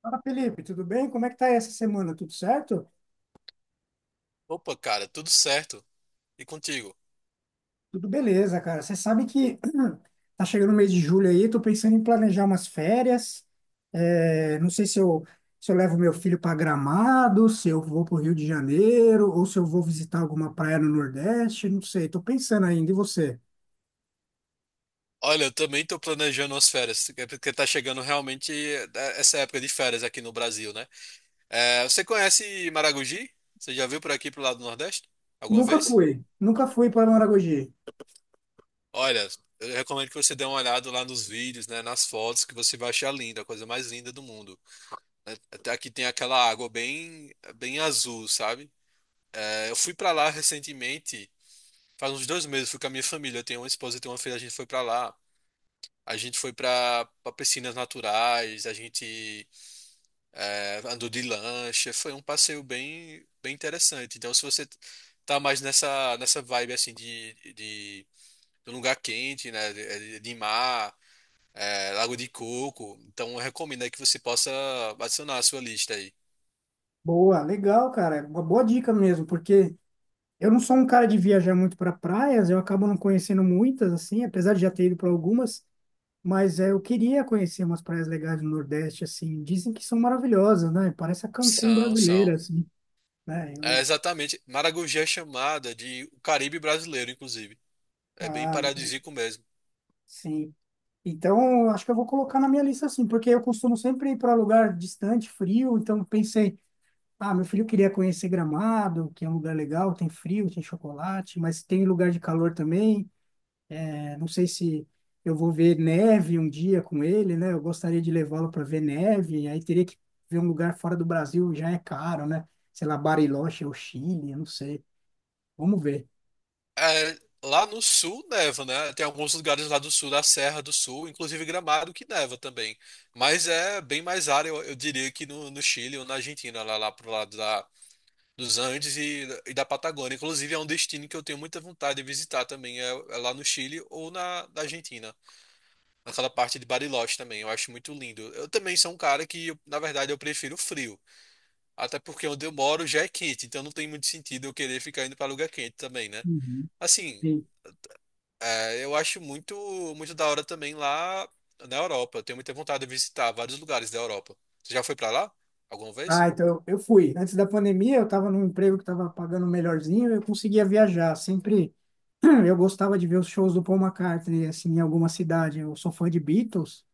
Fala, Felipe, tudo bem? Como é que tá essa semana? Tudo certo? Opa, cara, tudo certo. E contigo? Tudo beleza, cara. Você sabe que tá chegando o mês de julho aí, tô pensando em planejar umas férias. É, não sei se eu levo meu filho para Gramado, se eu vou para o Rio de Janeiro, ou se eu vou visitar alguma praia no Nordeste, não sei, tô pensando ainda. E você? Olha, eu também tô planejando as férias, é porque tá chegando realmente essa época de férias aqui no Brasil, né? É, você conhece Maragogi? Você já viu por aqui pro lado do Nordeste? Alguma vez? Nunca fui para Maragogi. Olha, eu recomendo que você dê uma olhada lá nos vídeos, né, nas fotos, que você vai achar linda, a coisa mais linda do mundo, né? Até aqui tem aquela água bem azul, sabe? É, eu fui pra lá recentemente, faz uns dois meses, fui com a minha família, eu tenho uma esposa e tenho uma filha, a gente foi pra lá. A gente foi para piscinas naturais, a gente andou de lancha, foi um passeio bem interessante. Então, se você tá mais nessa vibe assim de um lugar quente, né, de mar, é, Lago de Coco, então eu recomendo aí que você possa adicionar a sua lista aí. Boa, legal, cara. Uma boa dica mesmo, porque eu não sou um cara de viajar muito para praias, eu acabo não conhecendo muitas, assim, apesar de já ter ido para algumas. Mas é, eu queria conhecer umas praias legais do Nordeste, assim. Dizem que são maravilhosas, né? Parece a Cancún São, são. brasileira, assim, né? É Eu, exatamente. Maragogi é chamada de o Caribe brasileiro, inclusive. É bem ah, entendi. paradisíaco mesmo. Sim. Então, eu acho que eu vou colocar na minha lista, assim, porque eu costumo sempre ir para lugar distante, frio. Então, pensei, ah, meu filho queria conhecer Gramado, que é um lugar legal, tem frio, tem chocolate, mas tem lugar de calor também. Não sei se eu vou ver neve um dia com ele, né? Eu gostaria de levá-lo para ver neve, aí teria que ver um lugar fora do Brasil, já é caro, né? Sei lá, Bariloche ou Chile, eu não sei. Vamos ver. É, lá no sul neva, né? Tem alguns lugares lá do sul, da Serra do Sul, inclusive Gramado, que neva também. Mas é bem mais área, eu diria, que no Chile ou na Argentina, lá pro lado da, dos Andes e da Patagônia. Inclusive, é um destino que eu tenho muita vontade de visitar também, é lá no Chile ou na Argentina. Naquela parte de Bariloche também, eu acho muito lindo. Eu também sou um cara que, na verdade, eu prefiro o frio. Até porque onde eu moro já é quente, então não tem muito sentido eu querer ficar indo para lugar quente também, né? Uhum. Assim, Sim. é, eu acho muito da hora também lá na Europa. Eu tenho muita vontade de visitar vários lugares da Europa. Você já foi pra lá alguma vez? Ah, então eu fui. Antes da pandemia, eu estava num emprego que estava pagando melhorzinho, eu conseguia viajar. Sempre eu gostava de ver os shows do Paul McCartney, assim, em alguma cidade. Eu sou fã de Beatles.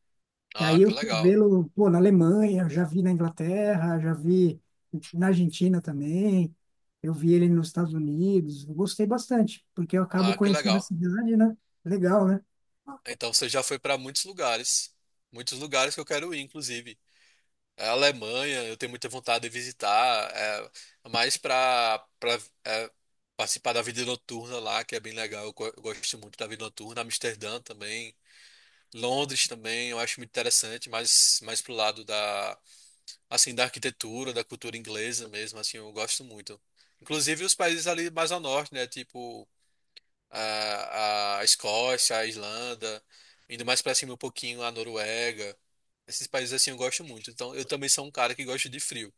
E aí Ah, que eu fui legal. vê-lo, pô, na Alemanha, eu já vi na Inglaterra, já vi na Argentina também, eu vi ele nos Estados Unidos, eu gostei bastante, porque eu acabo Ah, que conhecendo a legal. cidade, né? Legal, né? Então você já foi pra muitos lugares que eu quero ir, inclusive. É a Alemanha, eu tenho muita vontade de visitar, é, mais pra para participar da vida noturna lá, que é bem legal. Eu, eu gosto muito da vida noturna. Amsterdã também, Londres também, eu acho muito interessante, mas mais pro lado da, assim, da arquitetura, da cultura inglesa mesmo, assim, eu gosto muito. Inclusive os países ali mais ao norte, né, tipo a Escócia, a Islanda, indo mais pra cima um pouquinho a Noruega. Esses países assim eu gosto muito. Então eu também sou um cara que gosta de frio.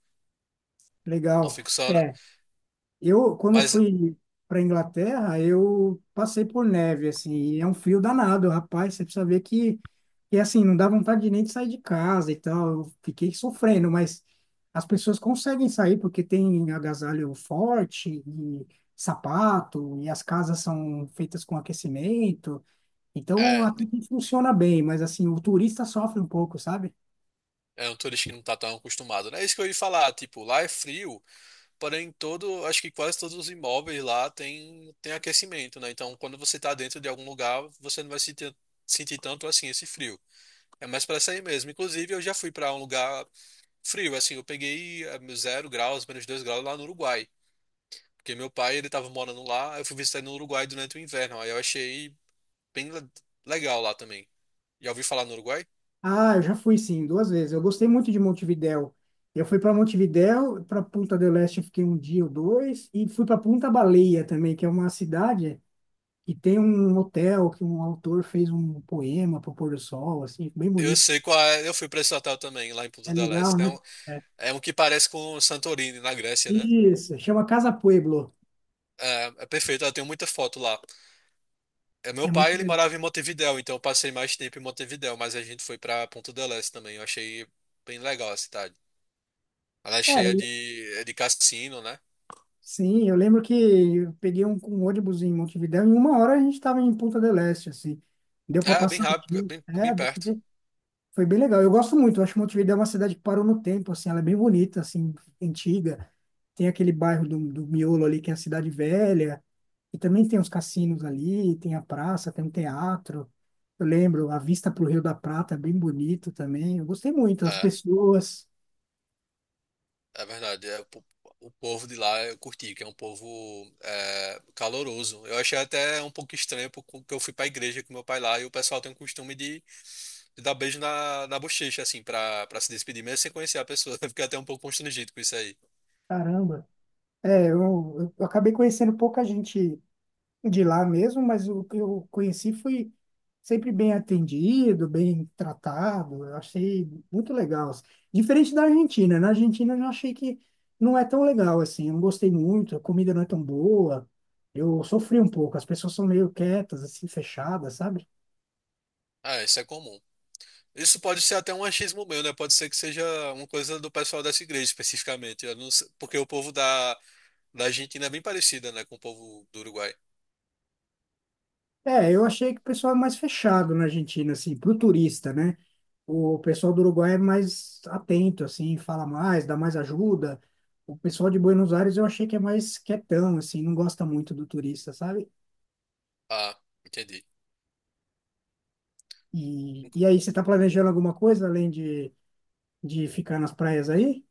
Não Legal. fico só, na- É, eu, quando eu Mas fui para Inglaterra, eu passei por neve, assim, e é um frio danado, rapaz. Você precisa ver que, assim, não dá vontade nem de sair de casa e tal. Eu fiquei sofrendo, mas as pessoas conseguem sair porque tem agasalho forte e sapato, e as casas são feitas com aquecimento. Então, é, até que funciona bem, mas, assim, o turista sofre um pouco, sabe? é um turista que não tá tão acostumado, né? É isso que eu ia falar, tipo, lá é frio, porém todo, acho que quase todos os imóveis lá tem aquecimento, né? Então quando você tá dentro de algum lugar, você não vai sentir tanto assim esse frio. É mais pra sair mesmo. Inclusive, eu já fui pra um lugar frio, assim, eu peguei zero graus, menos dois graus lá no Uruguai. Porque meu pai, ele tava morando lá, eu fui visitar ele no Uruguai durante o inverno. Aí eu achei bem le- legal lá também. Já ouvi falar no Uruguai? Ah, eu já fui sim, duas vezes. Eu gostei muito de Montevidéu. Eu fui para Montevidéu, para Punta del Este eu fiquei um dia ou dois, e fui para Punta Baleia também, que é uma cidade que tem um hotel que um autor fez um poema para o pôr do sol, assim, bem Eu bonito. sei qual é, eu fui pra esse hotel também, lá em É Punta del legal, Este. Né? É. É um que parece com Santorini, na Grécia, né? Isso, chama Casa Pueblo. É, é perfeito, eu tenho muita foto lá. É, meu É pai, muito ele legal. morava em Montevidéu, então eu passei mais tempo em Montevidéu, mas a gente foi pra Punta del Este também. Eu achei bem legal a cidade. Ela é É, cheia eu- de, é de cassino, né? sim, eu lembro que eu peguei um ônibus em Montevidéu, e em uma hora a gente estava em Punta del Este, assim. Deu para É, bem passar o rápido, é dia. bem, É, bem perto. foi bem legal. Eu gosto muito. Eu acho Montevidéu é uma cidade que parou no tempo, assim. Ela é bem bonita, assim, antiga. Tem aquele bairro do Miolo ali, que é a cidade velha. E também tem os cassinos ali, tem a praça, tem um teatro. Eu lembro, a vista para o Rio da Prata é bem bonito também. Eu gostei muito. As É, pessoas, é verdade. O povo de lá eu curti, que é um povo é, caloroso. Eu achei até um pouco estranho porque eu fui pra igreja com meu pai lá e o pessoal tem o costume de dar beijo na bochecha, assim, pra se despedir, mesmo sem conhecer a pessoa. Eu fiquei até um pouco constrangido com isso aí. caramba. É, eu acabei conhecendo pouca gente de lá mesmo, mas o que eu conheci foi sempre bem atendido, bem tratado. Eu achei muito legal, assim. Diferente da Argentina, né? Na Argentina eu já achei que não é tão legal assim. Eu não gostei muito, a comida não é tão boa. Eu sofri um pouco. As pessoas são meio quietas, assim, fechadas, sabe? Ah, isso é comum. Isso pode ser até um achismo meu, né? Pode ser que seja uma coisa do pessoal dessa igreja especificamente. Eu não sei, porque o povo da da Argentina é bem parecida, né, com o povo do Uruguai. É, eu achei que o pessoal é mais fechado na Argentina, assim, pro turista, né? O pessoal do Uruguai é mais atento, assim, fala mais, dá mais ajuda. O pessoal de Buenos Aires eu achei que é mais quietão, assim, não gosta muito do turista, sabe? Ah, entendi. Nunca- E aí, você está planejando alguma coisa além de ficar nas praias aí?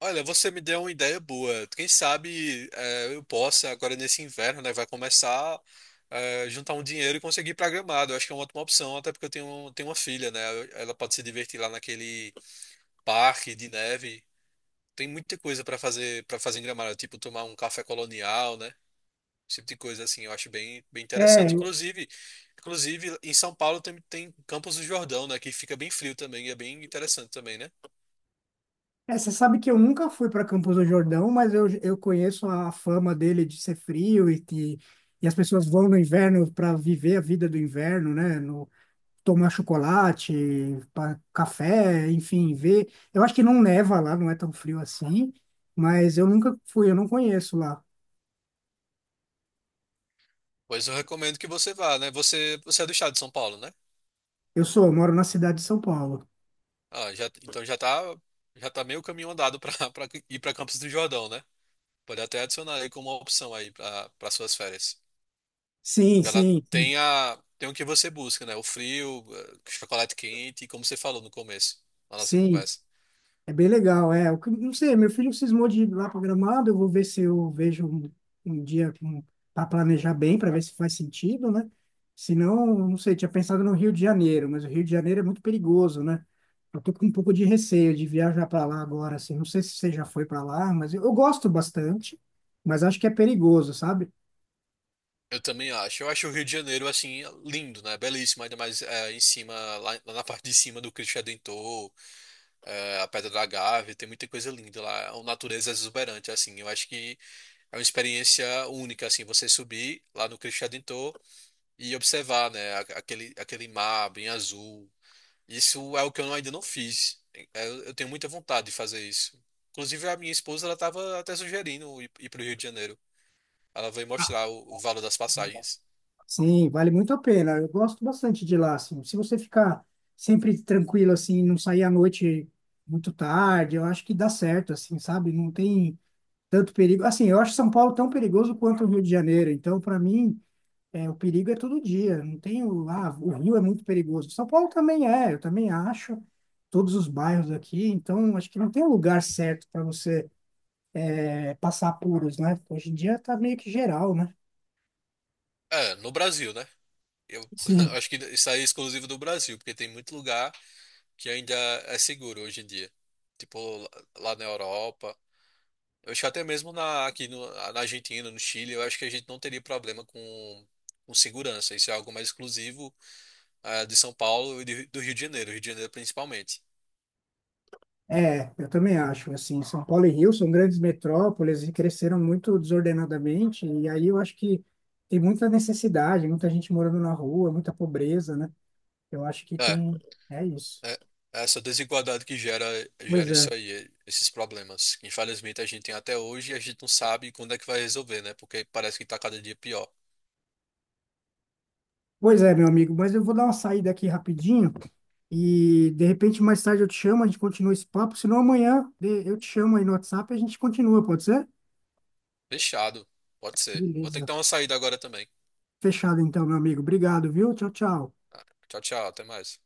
Olha, você me deu uma ideia boa. Quem sabe eu possa, agora nesse inverno, né, vai começar a juntar um dinheiro e conseguir ir pra Gramado. Eu acho que é uma ótima opção, até porque eu tenho uma filha, né? Ela pode se divertir lá naquele parque de neve. Tem muita coisa pra fazer para fazer em Gramado, tipo tomar um café colonial, né? Esse tipo de coisa, assim, eu acho bem É, interessante. Inclusive, em São Paulo tem Campos do Jordão, né? Que fica bem frio também e é bem interessante também, né? é, você sabe que eu nunca fui para Campos do Jordão, mas eu conheço a fama dele de ser frio e que e as pessoas vão no inverno para viver a vida do inverno, né? No, tomar chocolate, café, enfim, ver. Eu acho que não neva lá, não é tão frio assim, mas eu nunca fui, eu não conheço lá. Pois eu recomendo que você vá, né? Você é do estado de São Paulo, né? Eu sou, eu moro na cidade de São Paulo. Ah, então já tá meio caminho andado para ir para Campos do Jordão, né? Pode até adicionar aí como uma opção aí para suas férias. Sim, Que ela sim, tem a, tem o que você busca, né? O frio, chocolate quente, como você falou no começo, na nossa sim. conversa. É bem legal, é. Não sei, meu filho cismou de ir lá para Gramado, eu vou ver se eu vejo um dia para planejar bem, para ver se faz sentido, né? Se não, não sei, tinha pensado no Rio de Janeiro, mas o Rio de Janeiro é muito perigoso, né? Eu tô com um pouco de receio de viajar para lá agora, assim. Não sei se você já foi para lá, mas eu gosto bastante, mas acho que é perigoso, sabe? Eu também acho. Eu acho o Rio de Janeiro, assim, lindo, né? Belíssimo, ainda mais é, em cima, lá na parte de cima do Cristo Redentor, é, a Pedra da Gávea, tem muita coisa linda lá. É uma natureza é exuberante, assim. Eu acho que é uma experiência única, assim, você subir lá no Cristo Redentor e observar, né? Aquele, aquele mar bem azul. Isso é o que eu ainda não fiz. É, eu tenho muita vontade de fazer isso. Inclusive, a minha esposa, ela estava até sugerindo ir para o Rio de Janeiro. Ela veio mostrar o valor das passagens. Sim, vale muito a pena. Eu gosto bastante de lá, assim. Se você ficar sempre tranquilo, assim, não sair à noite muito tarde, eu acho que dá certo, assim, sabe? Não tem tanto perigo. Assim, eu acho São Paulo tão perigoso quanto o Rio de Janeiro. Então, para mim, é, o perigo é todo dia. Não tem o, ah, o Rio é muito perigoso. São Paulo também é, eu também acho. Todos os bairros aqui. Então, acho que não tem um lugar certo para você é, passar apuros, né? Hoje em dia tá meio que geral, né? É, no Brasil, né? Eu Sim. acho que isso aí é exclusivo do Brasil, porque tem muito lugar que ainda é seguro hoje em dia. Tipo, lá na Europa. Eu acho que até mesmo na Argentina, no Chile, eu acho que a gente não teria problema com segurança. Isso é algo mais exclusivo, de São Paulo e do Rio de Janeiro principalmente. É, eu também acho, assim, São Paulo e Rio são grandes metrópoles e cresceram muito desordenadamente, e aí eu acho que tem muita necessidade, muita gente morando na rua, muita pobreza, né? Eu acho que É, tem, é isso. é é essa desigualdade que gera Pois é. isso aí, esses problemas. Infelizmente, a gente tem até hoje e a gente não sabe quando é que vai resolver, né? Porque parece que tá cada dia pior. Pois é, meu amigo, mas eu vou dar uma saída aqui rapidinho e de repente mais tarde eu te chamo, a gente continua esse papo, senão amanhã eu te chamo aí no WhatsApp e a gente continua, pode ser? Fechado. Pode ser. Vou ter que Beleza. dar uma saída agora também. Fechado então, meu amigo. Obrigado, viu? Tchau, tchau. Tá. Tchau, tchau. Até mais.